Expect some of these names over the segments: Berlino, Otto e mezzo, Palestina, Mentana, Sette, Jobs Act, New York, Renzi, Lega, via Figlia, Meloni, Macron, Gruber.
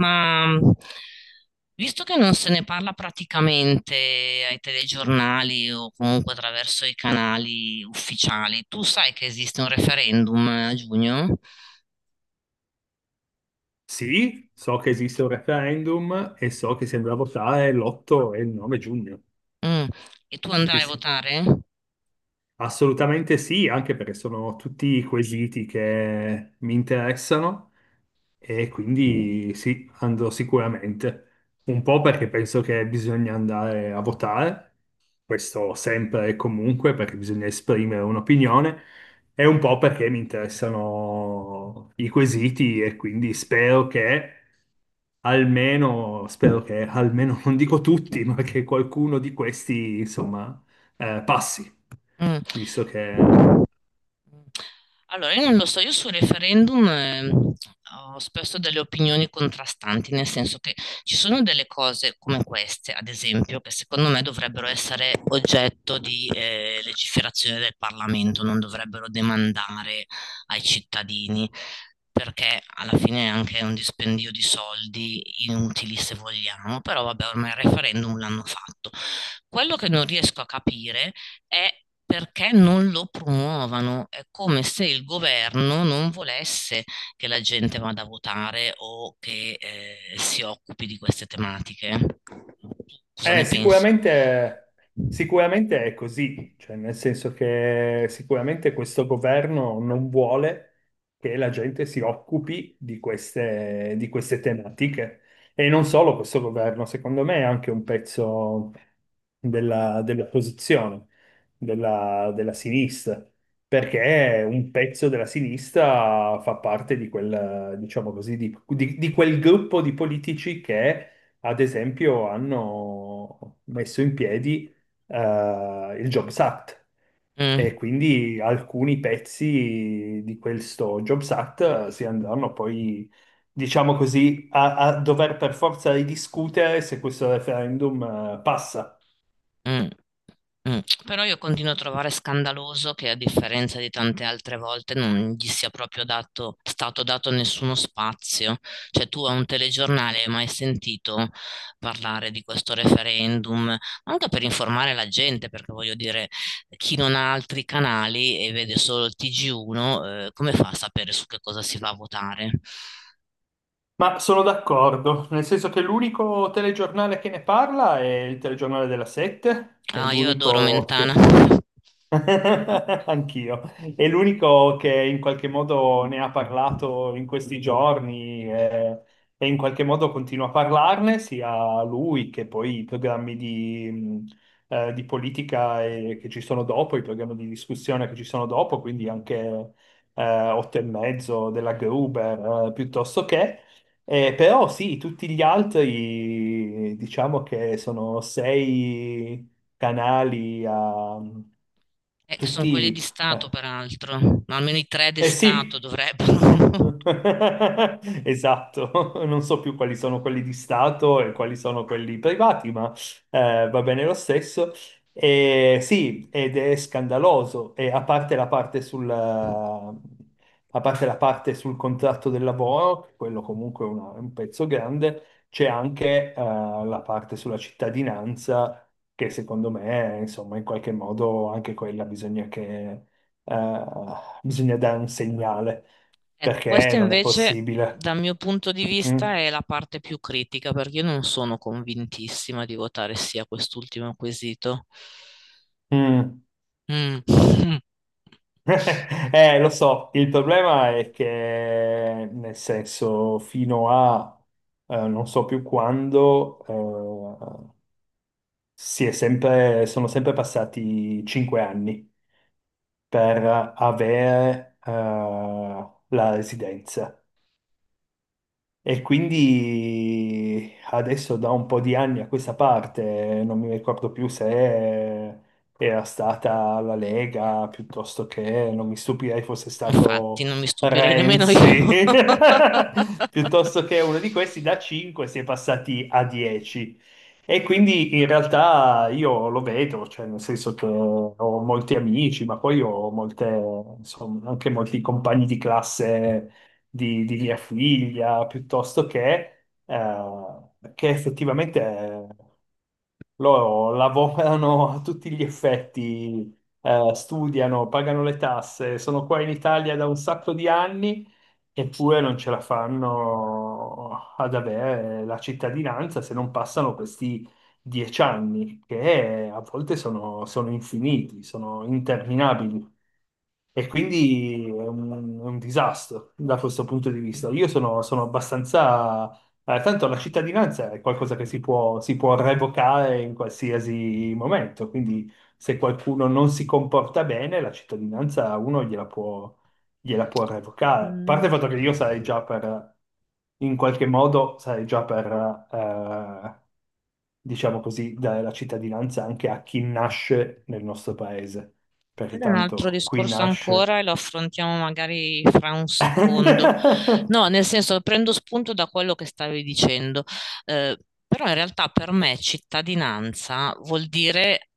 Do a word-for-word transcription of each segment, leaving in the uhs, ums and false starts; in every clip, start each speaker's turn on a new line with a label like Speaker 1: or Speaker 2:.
Speaker 1: Ma mh, Visto che non se ne parla praticamente ai telegiornali o comunque attraverso i canali ufficiali, tu sai che esiste un referendum a giugno?
Speaker 2: Sì, so che esiste un referendum e so che si andrà a votare l'otto e il nove giugno.
Speaker 1: Mm. E tu
Speaker 2: Sì,
Speaker 1: andrai a
Speaker 2: sì.
Speaker 1: votare?
Speaker 2: Assolutamente sì, anche perché sono tutti quesiti che mi interessano e quindi sì, andrò sicuramente. Un po' perché penso che bisogna andare a votare, questo sempre e comunque, perché bisogna esprimere un'opinione, e un po' perché mi interessano i quesiti e quindi spero che almeno, spero che almeno, non dico tutti, ma che qualcuno di questi, insomma, eh, passi
Speaker 1: Mm.
Speaker 2: visto che...
Speaker 1: Allora, io non lo so, io sul referendum eh, ho spesso delle opinioni contrastanti, nel senso che ci sono delle cose come queste, ad esempio, che secondo me dovrebbero essere oggetto di eh, legiferazione del Parlamento, non dovrebbero demandare ai cittadini, perché alla fine è anche un dispendio di soldi inutili se vogliamo, però vabbè, ormai il referendum l'hanno fatto. Quello che non riesco a capire è perché non lo promuovano. È come se il governo non volesse che la gente vada a votare o che eh, si occupi di queste tematiche. Tu Cosa
Speaker 2: Eh,
Speaker 1: ne pensi?
Speaker 2: sicuramente, sicuramente è così, cioè nel senso che sicuramente questo governo non vuole che la gente si occupi di queste, di queste tematiche. E non solo questo governo, secondo me è anche un pezzo della, dell'opposizione, della, della sinistra, perché un pezzo della sinistra fa parte di quel, diciamo così, di di- di quel gruppo di politici che ad esempio, hanno messo in piedi eh, il Jobs Act e
Speaker 1: Mm.
Speaker 2: quindi alcuni pezzi di questo Jobs Act eh, si andranno poi, diciamo così, a, a dover per forza ridiscutere se questo referendum eh, passa.
Speaker 1: Mh. Mh. Però io continuo a trovare scandaloso che a differenza di tante altre volte non gli sia proprio dato, stato dato nessuno spazio. Cioè tu a un telegiornale hai mai sentito parlare di questo referendum? Anche per informare la gente, perché voglio dire, chi non ha altri canali e vede solo il T G uno, eh, come fa a sapere su che cosa si va a votare?
Speaker 2: Ma sono d'accordo, nel senso che l'unico telegiornale che ne parla è il telegiornale della Sette, è
Speaker 1: Ah, io adoro
Speaker 2: l'unico
Speaker 1: Mentana.
Speaker 2: che Anch'io. È l'unico che in qualche modo ne ha parlato in questi giorni eh, e, in qualche modo continua a parlarne, sia lui che poi i programmi di, mh, eh, di politica eh, che ci sono dopo, i programmi di discussione che ci sono dopo, quindi anche eh, Otto e mezzo della Gruber, eh, piuttosto che. Eh, però sì, tutti gli altri diciamo che sono sei canali a mm,
Speaker 1: Eh, che sono quelli di
Speaker 2: tutti.
Speaker 1: Stato,
Speaker 2: eh,
Speaker 1: peraltro, ma almeno i tre di
Speaker 2: eh
Speaker 1: Stato
Speaker 2: sì,
Speaker 1: dovrebbero.
Speaker 2: esatto, non so più quali sono quelli di Stato e quali sono quelli privati, ma eh, va bene lo stesso. E sì, ed è scandaloso, e a parte la parte sul, a parte la parte sul contratto del lavoro, quello comunque è una- è un pezzo grande, c'è anche eh, la parte sulla cittadinanza che secondo me, insomma, in qualche modo anche quella bisogna eh, bisogna dare un segnale,
Speaker 1: Ecco,
Speaker 2: perché
Speaker 1: questa
Speaker 2: non è
Speaker 1: invece,
Speaker 2: possibile.
Speaker 1: dal mio punto di
Speaker 2: Mm,
Speaker 1: vista, è la parte più critica, perché io non sono convintissima di votare sì a quest'ultimo quesito.
Speaker 2: mm.
Speaker 1: Mm.
Speaker 2: Eh, lo so, il problema è che, nel senso, fino a eh, non so più quando, eh, si è sempre, sono sempre passati cinque anni per avere eh, la residenza. E quindi adesso da un po' di anni a questa parte, non mi ricordo più se era stata la Lega, piuttosto che, non mi stupirei fosse
Speaker 1: Infatti,
Speaker 2: stato
Speaker 1: non mi stupirei nemmeno
Speaker 2: Renzi,
Speaker 1: io.
Speaker 2: piuttosto che uno di questi da cinque si è passati a dieci. E quindi in realtà io lo vedo, cioè nel senso che ho molti amici, ma poi ho molte, insomma, anche molti compagni di classe di, di via Figlia, piuttosto che, eh, che effettivamente loro lavorano a tutti gli effetti, eh, studiano, pagano le tasse, sono qua in Italia da un sacco di anni eppure non ce la fanno ad avere la cittadinanza se non passano questi dieci anni, che a volte sono, sono infiniti, sono interminabili. E quindi è un, è un disastro da questo punto di vista. Io sono, sono abbastanza eh, tanto la cittadinanza è qualcosa che si può, si può revocare in qualsiasi momento, quindi se qualcuno non si comporta bene, la cittadinanza uno gliela può, gliela può revocare. A parte
Speaker 1: Mm.
Speaker 2: il fatto che io sarei già per, in qualche modo, sarei già per, eh, diciamo così, dare la cittadinanza anche a chi nasce nel nostro paese, perché
Speaker 1: Quello è un altro
Speaker 2: tanto qui
Speaker 1: discorso
Speaker 2: nasce.
Speaker 1: ancora e lo affrontiamo magari fra un secondo. No, nel senso, prendo spunto da quello che stavi dicendo, eh, però in realtà per me cittadinanza vuol dire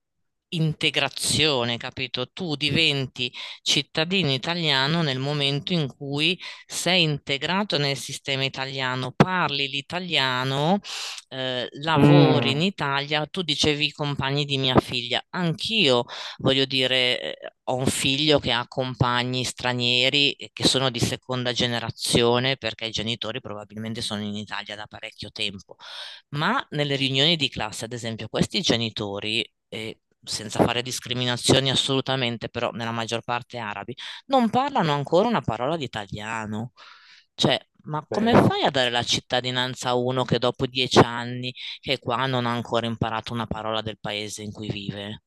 Speaker 1: integrazione, capito? Tu diventi cittadino italiano nel momento in cui sei integrato nel sistema italiano, parli l'italiano, eh, lavori in
Speaker 2: Mm,
Speaker 1: Italia, tu dicevi i compagni di mia figlia, anch'io voglio dire, eh, ho un figlio che ha compagni stranieri eh, che sono di seconda generazione perché i genitori probabilmente sono in Italia da parecchio tempo, ma nelle riunioni di classe, ad esempio, questi genitori, eh, senza fare discriminazioni assolutamente, però nella maggior parte arabi, non parlano ancora una parola di italiano. Cioè, ma
Speaker 2: beh,
Speaker 1: come
Speaker 2: ma...
Speaker 1: fai a dare la cittadinanza a uno che dopo dieci anni che è qua non ha ancora imparato una parola del paese in cui vive?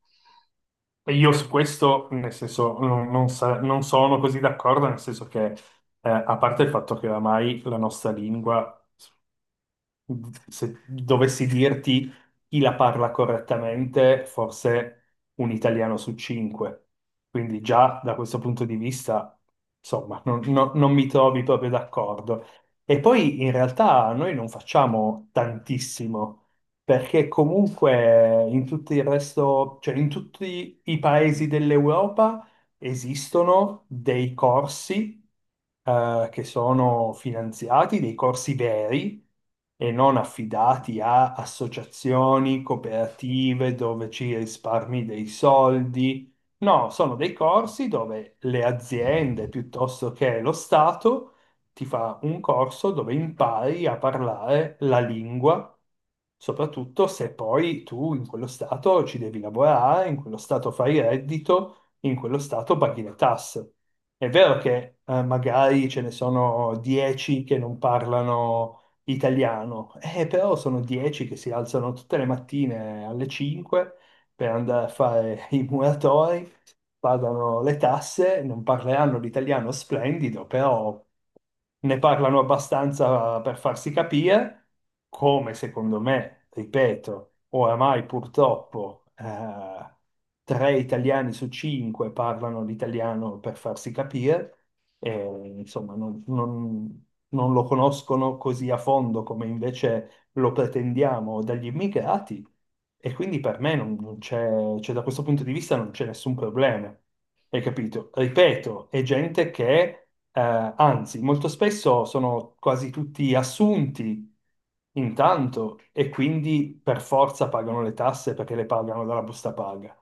Speaker 2: E io su questo, nel senso, non, non sa- non sono così d'accordo, nel senso che, eh, a parte il fatto che oramai la nostra lingua se dovessi dirti chi la parla correttamente, forse un italiano su cinque. Quindi già da questo punto di vista, insomma, non, non- non mi trovi proprio d'accordo. E poi in realtà noi non facciamo tantissimo, perché comunque in tutto il resto, cioè in tutti i paesi dell'Europa, esistono dei corsi eh, che sono finanziati, dei corsi veri e non affidati a associazioni, cooperative dove ci risparmi dei soldi. No, sono dei corsi dove le aziende piuttosto che lo Stato ti fa un corso dove impari a parlare la lingua, soprattutto se poi tu in quello Stato ci devi lavorare, in quello Stato fai reddito in quello stato paghi le tasse. È vero che eh, magari ce ne sono dieci che non parlano italiano, eh, però sono dieci che si alzano tutte le mattine alle cinque per andare a fare i muratori, pagano le tasse, non parleranno l'italiano splendido, però ne parlano abbastanza per farsi capire, come secondo me, ripeto, oramai purtroppo eh, tre italiani su cinque parlano l'italiano per farsi capire, e, insomma non, non non lo conoscono così a fondo come invece lo pretendiamo dagli immigrati e quindi per me non, non c'è, cioè da questo punto di vista non c'è nessun problema. Hai capito? Ripeto, è gente che, eh, anzi, molto spesso sono quasi tutti assunti intanto e quindi per forza pagano le tasse perché le pagano dalla busta paga.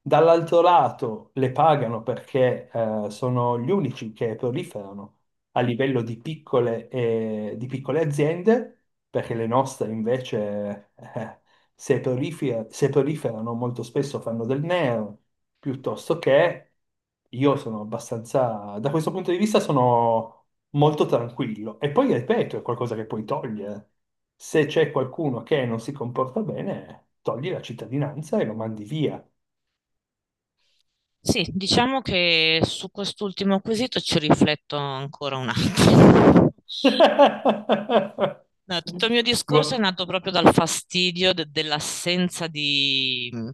Speaker 2: Dall'altro lato le pagano perché eh, sono gli unici che proliferano a livello di piccole, eh, di piccole aziende, perché le nostre invece eh, se prolifer- se proliferano molto spesso fanno del nero, piuttosto che io sono abbastanza, da questo punto di vista sono molto tranquillo. E poi, ripeto, è qualcosa che puoi togliere. Se c'è qualcuno che non si comporta bene, togli la cittadinanza e lo mandi via.
Speaker 1: Sì, diciamo che su quest'ultimo quesito ci rifletto ancora un attimo. No, tutto il mio discorso è
Speaker 2: Gua-
Speaker 1: nato proprio dal fastidio de- dell'assenza di mh,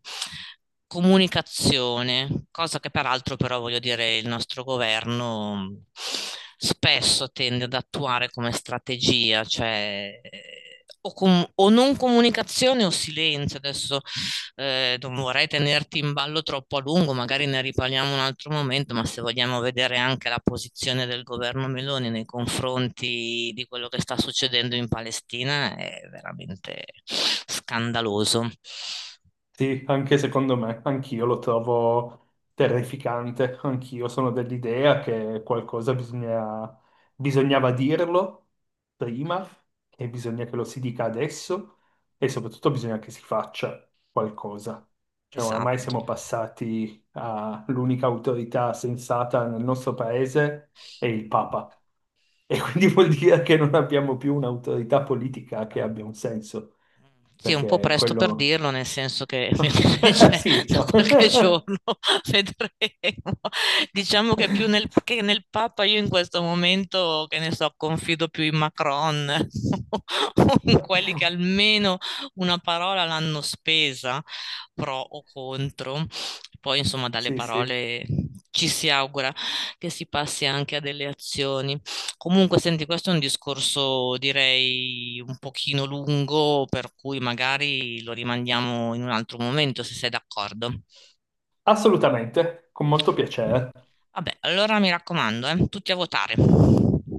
Speaker 1: comunicazione, cosa che peraltro però voglio dire il nostro governo mh, spesso tende ad attuare come strategia, cioè eh, o com- o non comunicazione o silenzio. Adesso eh, non vorrei tenerti in ballo troppo a lungo, magari ne riparliamo un altro momento, ma se vogliamo vedere anche la posizione del governo Meloni nei confronti di quello che sta succedendo in Palestina è veramente scandaloso.
Speaker 2: Sì, anche secondo me, anch'io lo trovo terrificante, anch'io sono dell'idea che qualcosa bisogna- bisognava dirlo prima e bisogna che lo si dica adesso e soprattutto bisogna che si faccia qualcosa. Cioè, oramai
Speaker 1: Esatto.
Speaker 2: siamo passati all'unica autorità sensata nel nostro paese è il Papa e quindi vuol dire che non abbiamo più un'autorità politica che abbia un senso
Speaker 1: Sì, è un po'
Speaker 2: perché
Speaker 1: presto per
Speaker 2: quello
Speaker 1: dirlo, nel senso che cioè,
Speaker 2: Sì,
Speaker 1: da
Speaker 2: no.
Speaker 1: qualche giorno vedremo. Diciamo che più nel, che nel Papa io in questo momento, che ne so, confido più in Macron o in quelli che almeno una parola l'hanno spesa, pro o contro. Poi, insomma, dalle
Speaker 2: Sì, sì,
Speaker 1: parole ci si augura che si passi anche a delle azioni. Comunque, senti, questo è un discorso, direi, un pochino lungo, per cui magari lo rimandiamo in un altro momento, se sei d'accordo.
Speaker 2: assolutamente, con molto piacere.
Speaker 1: Vabbè, allora mi raccomando, eh, tutti a votare.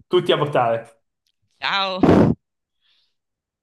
Speaker 2: Tutti a votare.
Speaker 1: Ciao!